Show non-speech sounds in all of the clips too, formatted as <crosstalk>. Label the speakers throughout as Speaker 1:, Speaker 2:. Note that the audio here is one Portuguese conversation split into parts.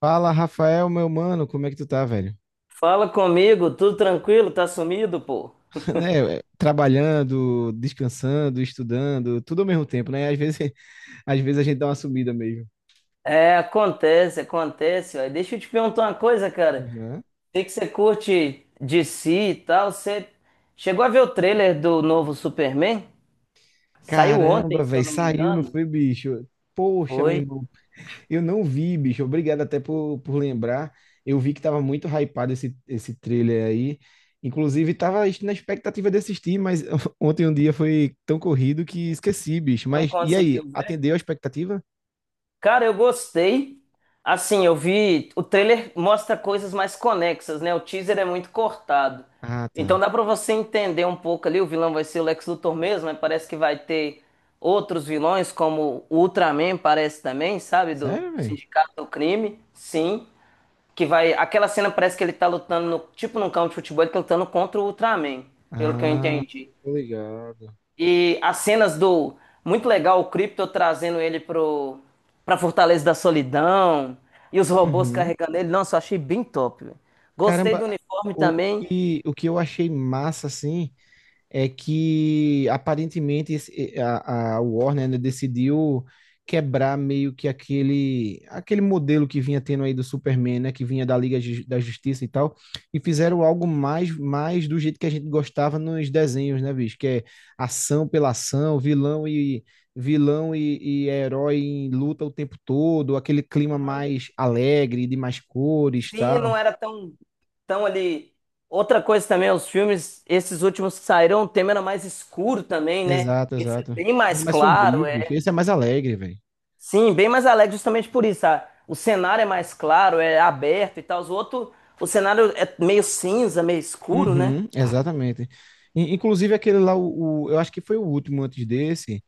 Speaker 1: Fala, Rafael, meu mano, como é que tu tá, velho?
Speaker 2: Fala comigo, tudo tranquilo? Tá sumido, pô?
Speaker 1: <laughs> Né, é, trabalhando, descansando, estudando, tudo ao mesmo tempo, né? Às vezes, <laughs> às vezes a gente dá uma sumida mesmo.
Speaker 2: É, acontece, acontece. Ó. Deixa eu te perguntar uma coisa, cara.
Speaker 1: Uhum.
Speaker 2: Sei que você curte DC e tal. Você chegou a ver o trailer do novo Superman? Saiu ontem,
Speaker 1: Caramba,
Speaker 2: se eu
Speaker 1: velho,
Speaker 2: não me
Speaker 1: saiu, não
Speaker 2: engano.
Speaker 1: foi, bicho? Poxa, meu
Speaker 2: Foi.
Speaker 1: irmão, eu não vi, bicho. Obrigado até por lembrar. Eu vi que tava muito hypado esse trailer aí. Inclusive, tava na expectativa de assistir, mas <laughs> ontem um dia foi tão corrido que esqueci, bicho.
Speaker 2: Não
Speaker 1: Mas e aí,
Speaker 2: conseguiu ver?
Speaker 1: atendeu a expectativa?
Speaker 2: Cara, eu gostei. Assim, eu vi. O trailer mostra coisas mais conexas, né? O teaser é muito cortado.
Speaker 1: Ah,
Speaker 2: Então
Speaker 1: tá.
Speaker 2: dá pra você entender um pouco ali. O vilão vai ser o Lex Luthor mesmo, mas parece que vai ter outros vilões, como o Ultraman, parece também, sabe? Do
Speaker 1: Sério, velho?
Speaker 2: Sindicato do Crime. Sim. Que vai. Aquela cena parece que ele tá lutando, no... tipo num campo de futebol, ele tá lutando contra o Ultraman, pelo que eu
Speaker 1: Ah,
Speaker 2: entendi.
Speaker 1: tô ligado.
Speaker 2: E as cenas do. Muito legal o Krypto trazendo ele pra Fortaleza da Solidão. E os robôs
Speaker 1: Uhum.
Speaker 2: carregando ele. Nossa, eu achei bem top, velho. Gostei
Speaker 1: Caramba,
Speaker 2: do uniforme
Speaker 1: o, o
Speaker 2: também.
Speaker 1: que, o que eu achei massa, assim, é que aparentemente a Warner, né, decidiu quebrar meio que aquele modelo que vinha tendo aí do Superman, né, que vinha da Justiça e tal, e fizeram algo mais do jeito que a gente gostava nos desenhos, né, bicho, que é ação pela ação, vilão e vilão e herói em luta o tempo todo, aquele clima mais alegre, de mais cores, e
Speaker 2: Sim,
Speaker 1: tal.
Speaker 2: não era tão ali. Outra coisa também, os filmes, esses últimos que saíram, o tema era mais escuro também, né?
Speaker 1: Exato,
Speaker 2: Esse é
Speaker 1: exato.
Speaker 2: bem
Speaker 1: Ele é
Speaker 2: mais
Speaker 1: mais
Speaker 2: claro,
Speaker 1: sombrio, bicho.
Speaker 2: é.
Speaker 1: Esse é mais alegre, velho.
Speaker 2: Sim, bem mais alegre, justamente por isso. O cenário é mais claro, é aberto e tal. Os outros, o cenário é meio cinza, meio escuro, né?
Speaker 1: Uhum, exatamente. Inclusive aquele lá, eu acho que foi o último antes desse.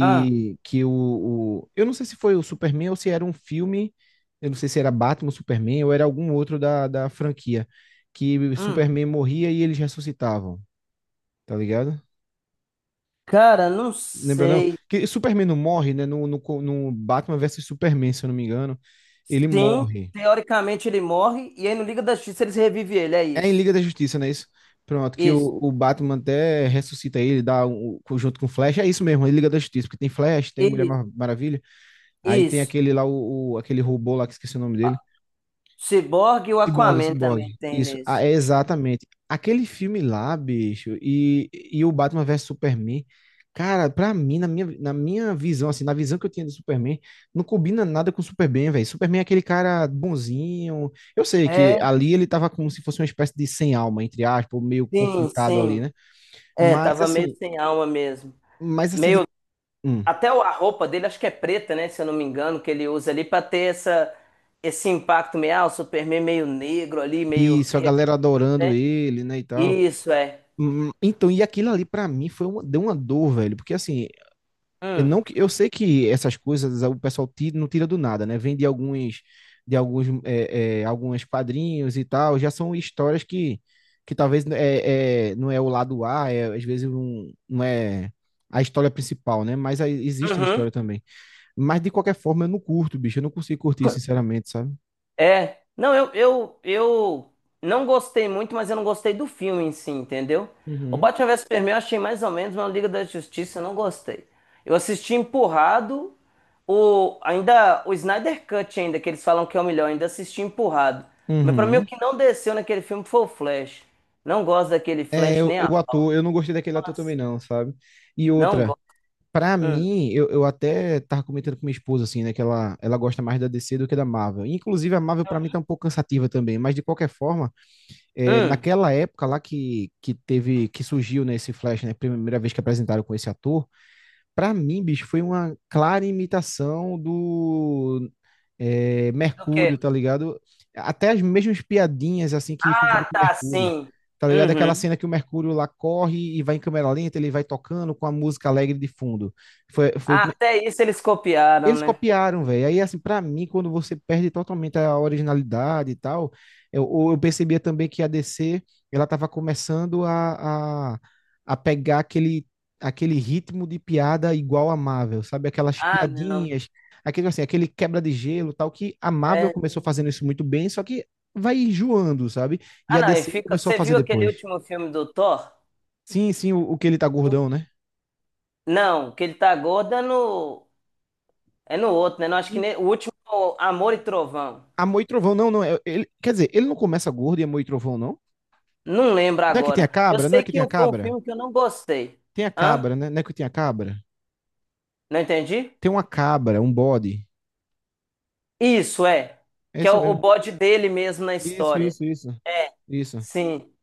Speaker 2: Ah,
Speaker 1: que o, o- Eu não sei se foi o Superman ou se era um filme. Eu não sei se era Batman, Superman ou era algum outro da franquia, que o
Speaker 2: hum.
Speaker 1: Superman morria e eles ressuscitavam, tá ligado?
Speaker 2: Cara, não
Speaker 1: Lembra não?
Speaker 2: sei.
Speaker 1: Que Superman não morre, né? No Batman versus Superman, se eu não me engano, ele
Speaker 2: Sim,
Speaker 1: morre.
Speaker 2: teoricamente ele morre e aí no Liga da Justiça eles revivem ele, é
Speaker 1: É em
Speaker 2: isso.
Speaker 1: Liga da Justiça, não é isso? Pronto, que o,
Speaker 2: Isso,
Speaker 1: o Batman até ressuscita ele, dá junto com o Flash. É isso mesmo, é Liga da Justiça, porque tem Flash, tem Mulher
Speaker 2: isso,
Speaker 1: Mar- Maravilha, aí tem
Speaker 2: isso.
Speaker 1: aquele lá, aquele robô lá que esqueci o nome dele.
Speaker 2: Cyborg e o
Speaker 1: Ciborgue,
Speaker 2: Aquaman
Speaker 1: Ciborgue.
Speaker 2: também tem
Speaker 1: Isso, ah,
Speaker 2: nesse.
Speaker 1: é exatamente. Aquele filme lá, bicho, e o Batman vs Superman, cara, pra mim, na minha visão, assim, na visão que eu tinha de Superman, não combina nada com o Superman, velho. Superman é aquele cara bonzinho. Eu sei que
Speaker 2: É,
Speaker 1: ali ele tava como se fosse uma espécie de sem alma, entre aspas, ou meio
Speaker 2: sim,
Speaker 1: conflitado ali,
Speaker 2: sim.
Speaker 1: né?
Speaker 2: É,
Speaker 1: Mas
Speaker 2: tava meio
Speaker 1: assim,
Speaker 2: sem alma mesmo.
Speaker 1: mas assim, de.
Speaker 2: Meio,
Speaker 1: Hum.
Speaker 2: até a roupa dele acho que é preta, né, se eu não me engano, que ele usa ali pra ter essa esse impacto meio, o Superman meio negro ali, meio,
Speaker 1: Isso, a galera adorando
Speaker 2: né?
Speaker 1: ele, né, e tal.
Speaker 2: Isso é.
Speaker 1: Então, e aquilo ali pra mim deu uma dor, velho, porque assim, Eu
Speaker 2: Hum.
Speaker 1: não. Eu sei que essas coisas o pessoal tira, não tira do nada, né? Vem de alguns quadrinhos e tal. Já são histórias que talvez não é o lado A, às vezes não é a história principal, né? Mas aí existe a história
Speaker 2: Uhum.
Speaker 1: também. Mas de qualquer forma, eu não curto, bicho. Eu não consigo curtir, sinceramente, sabe?
Speaker 2: É, não, eu não gostei muito, mas eu não gostei do filme em si, entendeu? O
Speaker 1: Uhum.
Speaker 2: Batman vs Superman eu achei mais ou menos, mas o Liga da Justiça eu não gostei. Eu assisti empurrado, ainda o Snyder Cut ainda, que eles falam que é o melhor, ainda assisti empurrado. Mas pra mim o
Speaker 1: Uhum.
Speaker 2: que não desceu naquele filme foi o Flash. Não gosto daquele
Speaker 1: É,
Speaker 2: Flash
Speaker 1: eu,
Speaker 2: nem a
Speaker 1: eu
Speaker 2: pau.
Speaker 1: ator, eu não gostei daquele ator
Speaker 2: Nossa,
Speaker 1: também não, sabe? E
Speaker 2: não
Speaker 1: outra.
Speaker 2: gosto.
Speaker 1: Pra
Speaker 2: Hum.
Speaker 1: mim, eu até tava comentando com minha esposa, assim, né, que ela gosta mais da DC do que da Marvel. Inclusive, a Marvel pra mim tá um pouco cansativa também, mas de qualquer forma, é,
Speaker 2: Hum.
Speaker 1: naquela época lá que que surgiu, né, esse Flash, né, primeira vez que apresentaram com esse ator. Pra mim, bicho, foi uma clara imitação do é,
Speaker 2: Do quê?
Speaker 1: Mercúrio, tá ligado? Até as mesmas piadinhas, assim, que
Speaker 2: Ah,
Speaker 1: fizeram com o
Speaker 2: tá,
Speaker 1: Mercúrio.
Speaker 2: sim.
Speaker 1: Tá ligado? Aquela
Speaker 2: Uhum.
Speaker 1: cena que o Mercúrio lá corre e vai em câmera lenta, ele vai tocando com a música alegre de fundo. Foi, foi
Speaker 2: Ah, até isso eles copiaram,
Speaker 1: eles
Speaker 2: né?
Speaker 1: copiaram, velho. Aí, assim, pra mim, quando você perde totalmente a originalidade e tal, ou eu percebia também que a DC, ela tava começando a pegar aquele aquele ritmo de piada igual a Marvel, sabe? Aquelas
Speaker 2: Ah, não.
Speaker 1: piadinhas, aquele, assim, aquele quebra de gelo, tal, que a Marvel
Speaker 2: É.
Speaker 1: começou fazendo isso muito bem, só que vai enjoando, sabe? E
Speaker 2: Ah,
Speaker 1: a
Speaker 2: não, e
Speaker 1: DC
Speaker 2: fica.
Speaker 1: começou a
Speaker 2: Você
Speaker 1: fazer
Speaker 2: viu aquele
Speaker 1: depois.
Speaker 2: último filme do Thor?
Speaker 1: Sim, sim, o que ele tá gordão, né?
Speaker 2: Não, que ele tá gordo é no. É no outro, né? Não, acho que
Speaker 1: Hum,
Speaker 2: o último é o Amor e Trovão.
Speaker 1: Amor e Trovão, não, não. Ele, quer dizer, ele não começa gordo e Amor e Trovão, não?
Speaker 2: Não lembro
Speaker 1: Não é que tem a
Speaker 2: agora. Eu
Speaker 1: cabra? Não é
Speaker 2: sei
Speaker 1: que tem
Speaker 2: que
Speaker 1: a
Speaker 2: um, foi um
Speaker 1: cabra?
Speaker 2: filme que eu não gostei.
Speaker 1: Tem a
Speaker 2: Hã?
Speaker 1: cabra, né? Não é que tem a cabra?
Speaker 2: Não entendi?
Speaker 1: Tem uma cabra, um bode.
Speaker 2: Isso, é.
Speaker 1: É
Speaker 2: Que é
Speaker 1: isso
Speaker 2: o
Speaker 1: mesmo.
Speaker 2: bode dele mesmo na
Speaker 1: Isso,
Speaker 2: história.
Speaker 1: isso, isso.
Speaker 2: É,
Speaker 1: Isso.
Speaker 2: sim.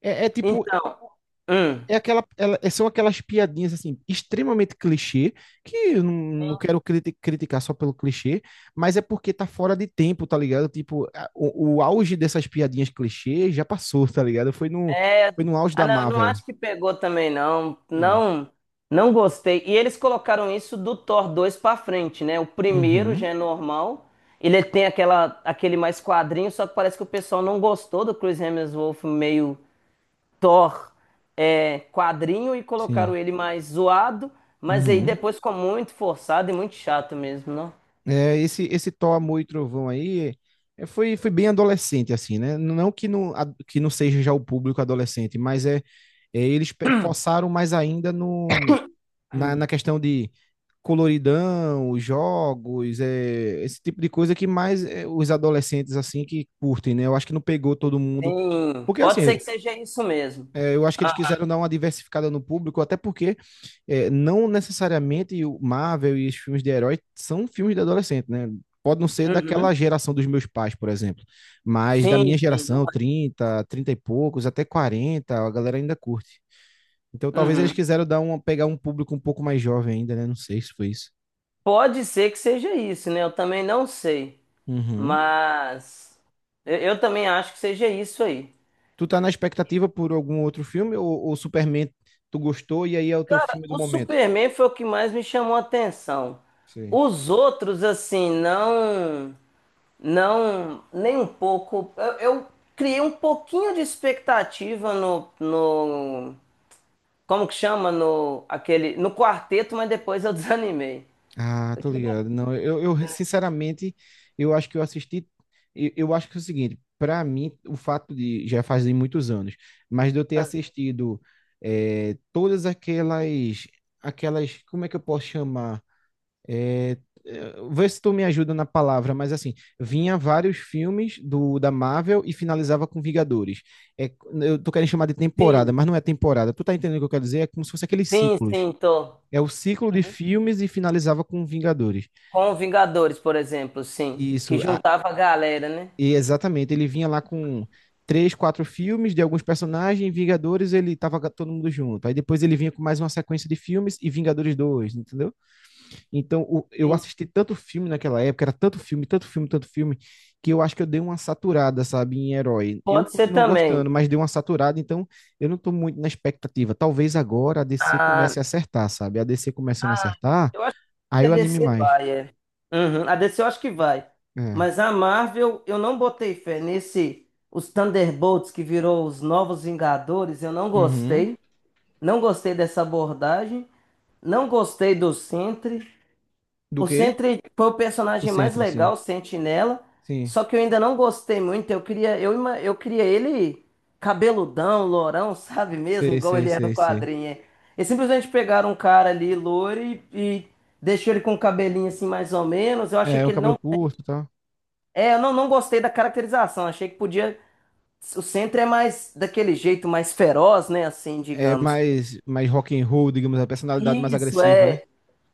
Speaker 1: É, é tipo,
Speaker 2: Então. Hum.
Speaker 1: são aquelas piadinhas assim, extremamente clichê, que eu não quero criticar só pelo clichê, mas é porque tá fora de tempo, tá ligado? Tipo, o auge dessas piadinhas clichê já passou, tá ligado? Foi no,
Speaker 2: É,
Speaker 1: foi no auge da
Speaker 2: não, eu não
Speaker 1: Marvel.
Speaker 2: acho que pegou também, não.
Speaker 1: É.
Speaker 2: Não, não gostei. E eles colocaram isso do Thor 2 pra frente, né? O primeiro
Speaker 1: Uhum,
Speaker 2: já é normal. Ele tem aquele mais quadrinho, só que parece que o pessoal não gostou do Chris Hemsworth meio Thor quadrinho e
Speaker 1: sim.
Speaker 2: colocaram ele mais zoado, mas aí
Speaker 1: Uhum.
Speaker 2: depois ficou muito forçado e muito chato mesmo, não?
Speaker 1: É, esse Thor, Amor e Trovão aí foi bem adolescente, assim, né? Não que não, que não seja já o público adolescente, mas forçaram mais ainda no, na questão de coloridão, os jogos, esse tipo de coisa que mais os adolescentes, assim, que curtem, né? Eu acho que não pegou todo mundo.
Speaker 2: Sim,
Speaker 1: Porque, assim,
Speaker 2: pode ser que seja isso mesmo.
Speaker 1: eu acho que eles
Speaker 2: Ah,
Speaker 1: quiseram dar uma diversificada no público, até porque não necessariamente o Marvel e os filmes de herói são filmes de adolescente, né? Pode não ser daquela
Speaker 2: uhum.
Speaker 1: geração dos meus pais, por exemplo, mas da minha
Speaker 2: Sim, sim, não
Speaker 1: geração, 30, 30 e poucos, até 40, a galera ainda curte. Então talvez eles
Speaker 2: é.
Speaker 1: quiseram pegar um público um pouco mais jovem ainda, né? Não sei se foi isso.
Speaker 2: Pode ser que seja isso, né? Eu também não sei.
Speaker 1: Uhum.
Speaker 2: Mas eu também acho que seja isso aí.
Speaker 1: Tu tá na expectativa por algum outro filme ou Superman tu gostou e aí é o teu filme do
Speaker 2: O
Speaker 1: momento?
Speaker 2: Superman foi o que mais me chamou a atenção.
Speaker 1: Sei.
Speaker 2: Os outros, assim, não. Não. Nem um pouco. Eu criei um pouquinho de expectativa no. Como que chama? No, aquele, no quarteto, mas depois eu <laughs> desanimei.
Speaker 1: Ah, tô ligado. Não, eu, sinceramente, eu acho que eu assisti. Eu acho que é o seguinte, pra mim, o fato de já fazem muitos anos, mas de eu ter assistido todas aquelas, como é que eu posso chamar? Vê se tu me ajuda na palavra, mas assim, vinha vários filmes do da Marvel e finalizava com Vingadores. É, eu tô querendo chamar de temporada, mas
Speaker 2: Sim,
Speaker 1: não é temporada. Tu tá entendendo o que eu quero dizer? É como se fosse aqueles
Speaker 2: sim,
Speaker 1: ciclos.
Speaker 2: sim, tô.
Speaker 1: É o ciclo de filmes e finalizava com Vingadores.
Speaker 2: Com Vingadores, por exemplo, sim. Que
Speaker 1: Isso, a-
Speaker 2: juntava a galera, né?
Speaker 1: e exatamente. Ele vinha lá com três, quatro filmes de alguns personagens, Vingadores, ele tava com todo mundo junto. Aí depois ele vinha com mais uma sequência de filmes e Vingadores dois, entendeu? Então eu
Speaker 2: Sim,
Speaker 1: assisti tanto filme naquela época, era tanto filme, tanto filme, tanto filme, que eu acho que eu dei uma saturada, sabe, em herói. Eu
Speaker 2: pode ser
Speaker 1: continuo
Speaker 2: também.
Speaker 1: gostando, mas dei uma saturada, então eu não tô muito na expectativa. Talvez agora a DC
Speaker 2: Ah,
Speaker 1: comece a acertar, sabe? A DC começando a
Speaker 2: ah,
Speaker 1: acertar,
Speaker 2: eu acho
Speaker 1: aí
Speaker 2: que a
Speaker 1: eu anime
Speaker 2: DC
Speaker 1: mais.
Speaker 2: vai, é. Uhum, a DC eu acho que vai.
Speaker 1: É.
Speaker 2: Mas a Marvel, eu não botei fé nesse. Os Thunderbolts, que virou os Novos Vingadores, eu não
Speaker 1: Uhum.
Speaker 2: gostei. Não gostei dessa abordagem. Não gostei do Sentry.
Speaker 1: Do
Speaker 2: O
Speaker 1: quê?
Speaker 2: Sentry foi o
Speaker 1: O
Speaker 2: personagem mais
Speaker 1: Sentry, sim.
Speaker 2: legal, o Sentinela.
Speaker 1: Sim.
Speaker 2: Só que eu ainda não gostei muito. Eu queria ele cabeludão, lourão, <laughs> sabe mesmo?
Speaker 1: Sei,
Speaker 2: Igual
Speaker 1: sei,
Speaker 2: ele é no
Speaker 1: sei, sei.
Speaker 2: quadrinho. É. Eles simplesmente pegaram um cara ali, louro, e deixou ele com o cabelinho assim, mais ou menos. Eu achei
Speaker 1: É,
Speaker 2: que
Speaker 1: o
Speaker 2: ele
Speaker 1: cabelo
Speaker 2: não.
Speaker 1: curto e tal.
Speaker 2: É, eu não, não gostei da caracterização. Achei que podia. O Sentry é mais daquele jeito, mais feroz, né? Assim,
Speaker 1: É
Speaker 2: digamos.
Speaker 1: mais, mais rock and roll, digamos, a personalidade mais
Speaker 2: Isso,
Speaker 1: agressiva, né?
Speaker 2: é.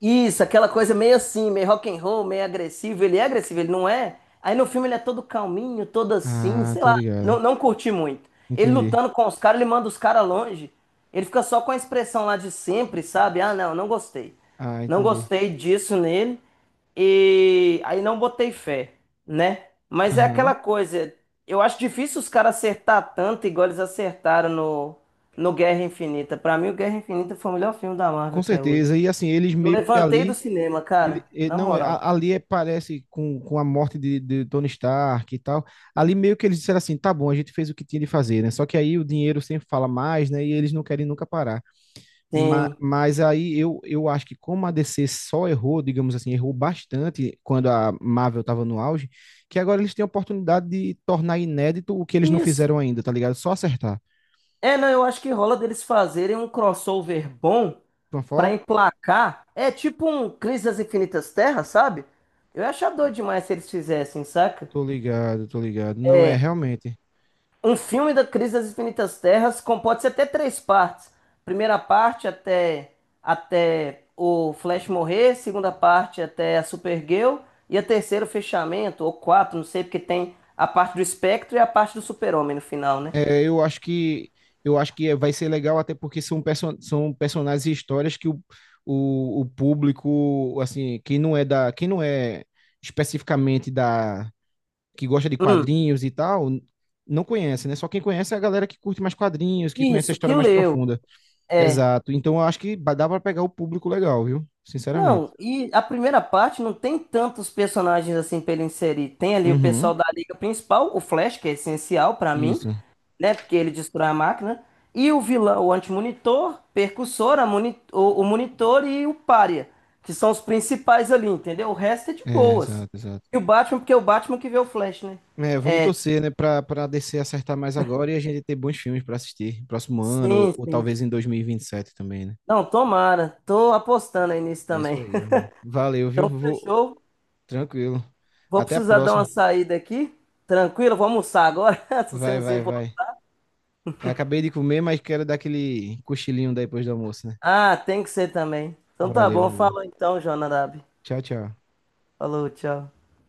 Speaker 2: Isso, aquela coisa meio assim, meio rock and roll, meio agressivo. Ele é agressivo, ele não é? Aí no filme ele é todo calminho, todo assim,
Speaker 1: Ah,
Speaker 2: sei
Speaker 1: tô
Speaker 2: lá, não,
Speaker 1: ligado.
Speaker 2: não curti muito. Ele
Speaker 1: Entendi.
Speaker 2: lutando com os caras, ele manda os caras longe. Ele fica só com a expressão lá de sempre, sabe? Ah, não, não gostei.
Speaker 1: Ah,
Speaker 2: Não
Speaker 1: entendi.
Speaker 2: gostei disso nele. E aí não botei fé, né? Mas é
Speaker 1: Aham.
Speaker 2: aquela coisa, eu acho difícil os caras acertar tanto igual eles acertaram no Guerra Infinita. Pra mim, o Guerra Infinita foi o melhor filme da Marvel
Speaker 1: Com
Speaker 2: até hoje.
Speaker 1: certeza. E assim, eles
Speaker 2: Eu
Speaker 1: meio que
Speaker 2: levantei do
Speaker 1: ali.
Speaker 2: cinema, cara. Na
Speaker 1: Não,
Speaker 2: moral.
Speaker 1: ali parece com a morte de Tony Stark e tal. Ali meio que eles disseram assim: tá bom, a gente fez o que tinha de fazer, né? Só que aí o dinheiro sempre fala mais, né? E eles não querem nunca parar. Ma-
Speaker 2: Tem.
Speaker 1: Mas, aí eu acho que como a DC só errou, digamos assim, errou bastante quando a Marvel estava no auge, que agora eles têm a oportunidade de tornar inédito o que eles não
Speaker 2: Isso.
Speaker 1: fizeram ainda, tá ligado? Só acertar.
Speaker 2: É, não, eu acho que rola deles fazerem um crossover bom
Speaker 1: Tom
Speaker 2: pra
Speaker 1: Fox?
Speaker 2: emplacar. É tipo um Crise das Infinitas Terras, sabe? Eu ia achar doido demais se eles fizessem, saca?
Speaker 1: Tô ligado, tô ligado. Não é realmente.
Speaker 2: Um filme da Crise das Infinitas Terras pode ser até três partes. Primeira parte até o Flash morrer, segunda parte até a Supergirl e a terceira o fechamento ou quatro, não sei, porque tem a parte do Espectro e a parte do Super-Homem no final, né?
Speaker 1: É, eu acho que vai ser legal até porque são personagens e histórias que o público, assim, quem não é especificamente da que gosta de
Speaker 2: Hum,
Speaker 1: quadrinhos e tal, não conhece, né? Só quem conhece é a galera que curte mais quadrinhos, que conhece a
Speaker 2: isso,
Speaker 1: história
Speaker 2: que
Speaker 1: mais
Speaker 2: leu.
Speaker 1: profunda. Exato. Então eu acho que dá pra pegar o público legal, viu? Sinceramente.
Speaker 2: Não, e a primeira parte não tem tantos personagens assim pra ele inserir. Tem ali o
Speaker 1: Uhum.
Speaker 2: pessoal da Liga Principal, o Flash, que é essencial pra mim,
Speaker 1: Isso.
Speaker 2: né? Porque ele destrói a máquina. E o vilão, o antimonitor, percussor, o monitor e o pária, que são os principais ali, entendeu? O resto é de
Speaker 1: É,
Speaker 2: boas.
Speaker 1: exato, exato.
Speaker 2: E o Batman, porque é o Batman que vê o Flash, né?
Speaker 1: É, vamos torcer, né, pra DC acertar mais agora e a gente ter bons filmes pra assistir próximo ano,
Speaker 2: Sim,
Speaker 1: ou
Speaker 2: sim.
Speaker 1: talvez em dois mil e vinte e sete também, né?
Speaker 2: Não, tomara. Tô apostando aí nisso
Speaker 1: É isso
Speaker 2: também.
Speaker 1: aí,
Speaker 2: <laughs>
Speaker 1: mano. Valeu, viu?
Speaker 2: Então,
Speaker 1: Vou...
Speaker 2: fechou.
Speaker 1: Tranquilo.
Speaker 2: Vou
Speaker 1: Até a
Speaker 2: precisar dar
Speaker 1: próxima.
Speaker 2: uma saída aqui. Tranquilo, vou almoçar agora, <laughs> se você
Speaker 1: Vai,
Speaker 2: não se
Speaker 1: vai,
Speaker 2: importa.
Speaker 1: vai. Eu acabei de comer, mas quero dar aquele cochilinho depois do almoço, né?
Speaker 2: Ah, tem que ser também. Então tá bom,
Speaker 1: Valeu.
Speaker 2: fala então, Jonadab.
Speaker 1: Tchau, tchau.
Speaker 2: Falou, tchau.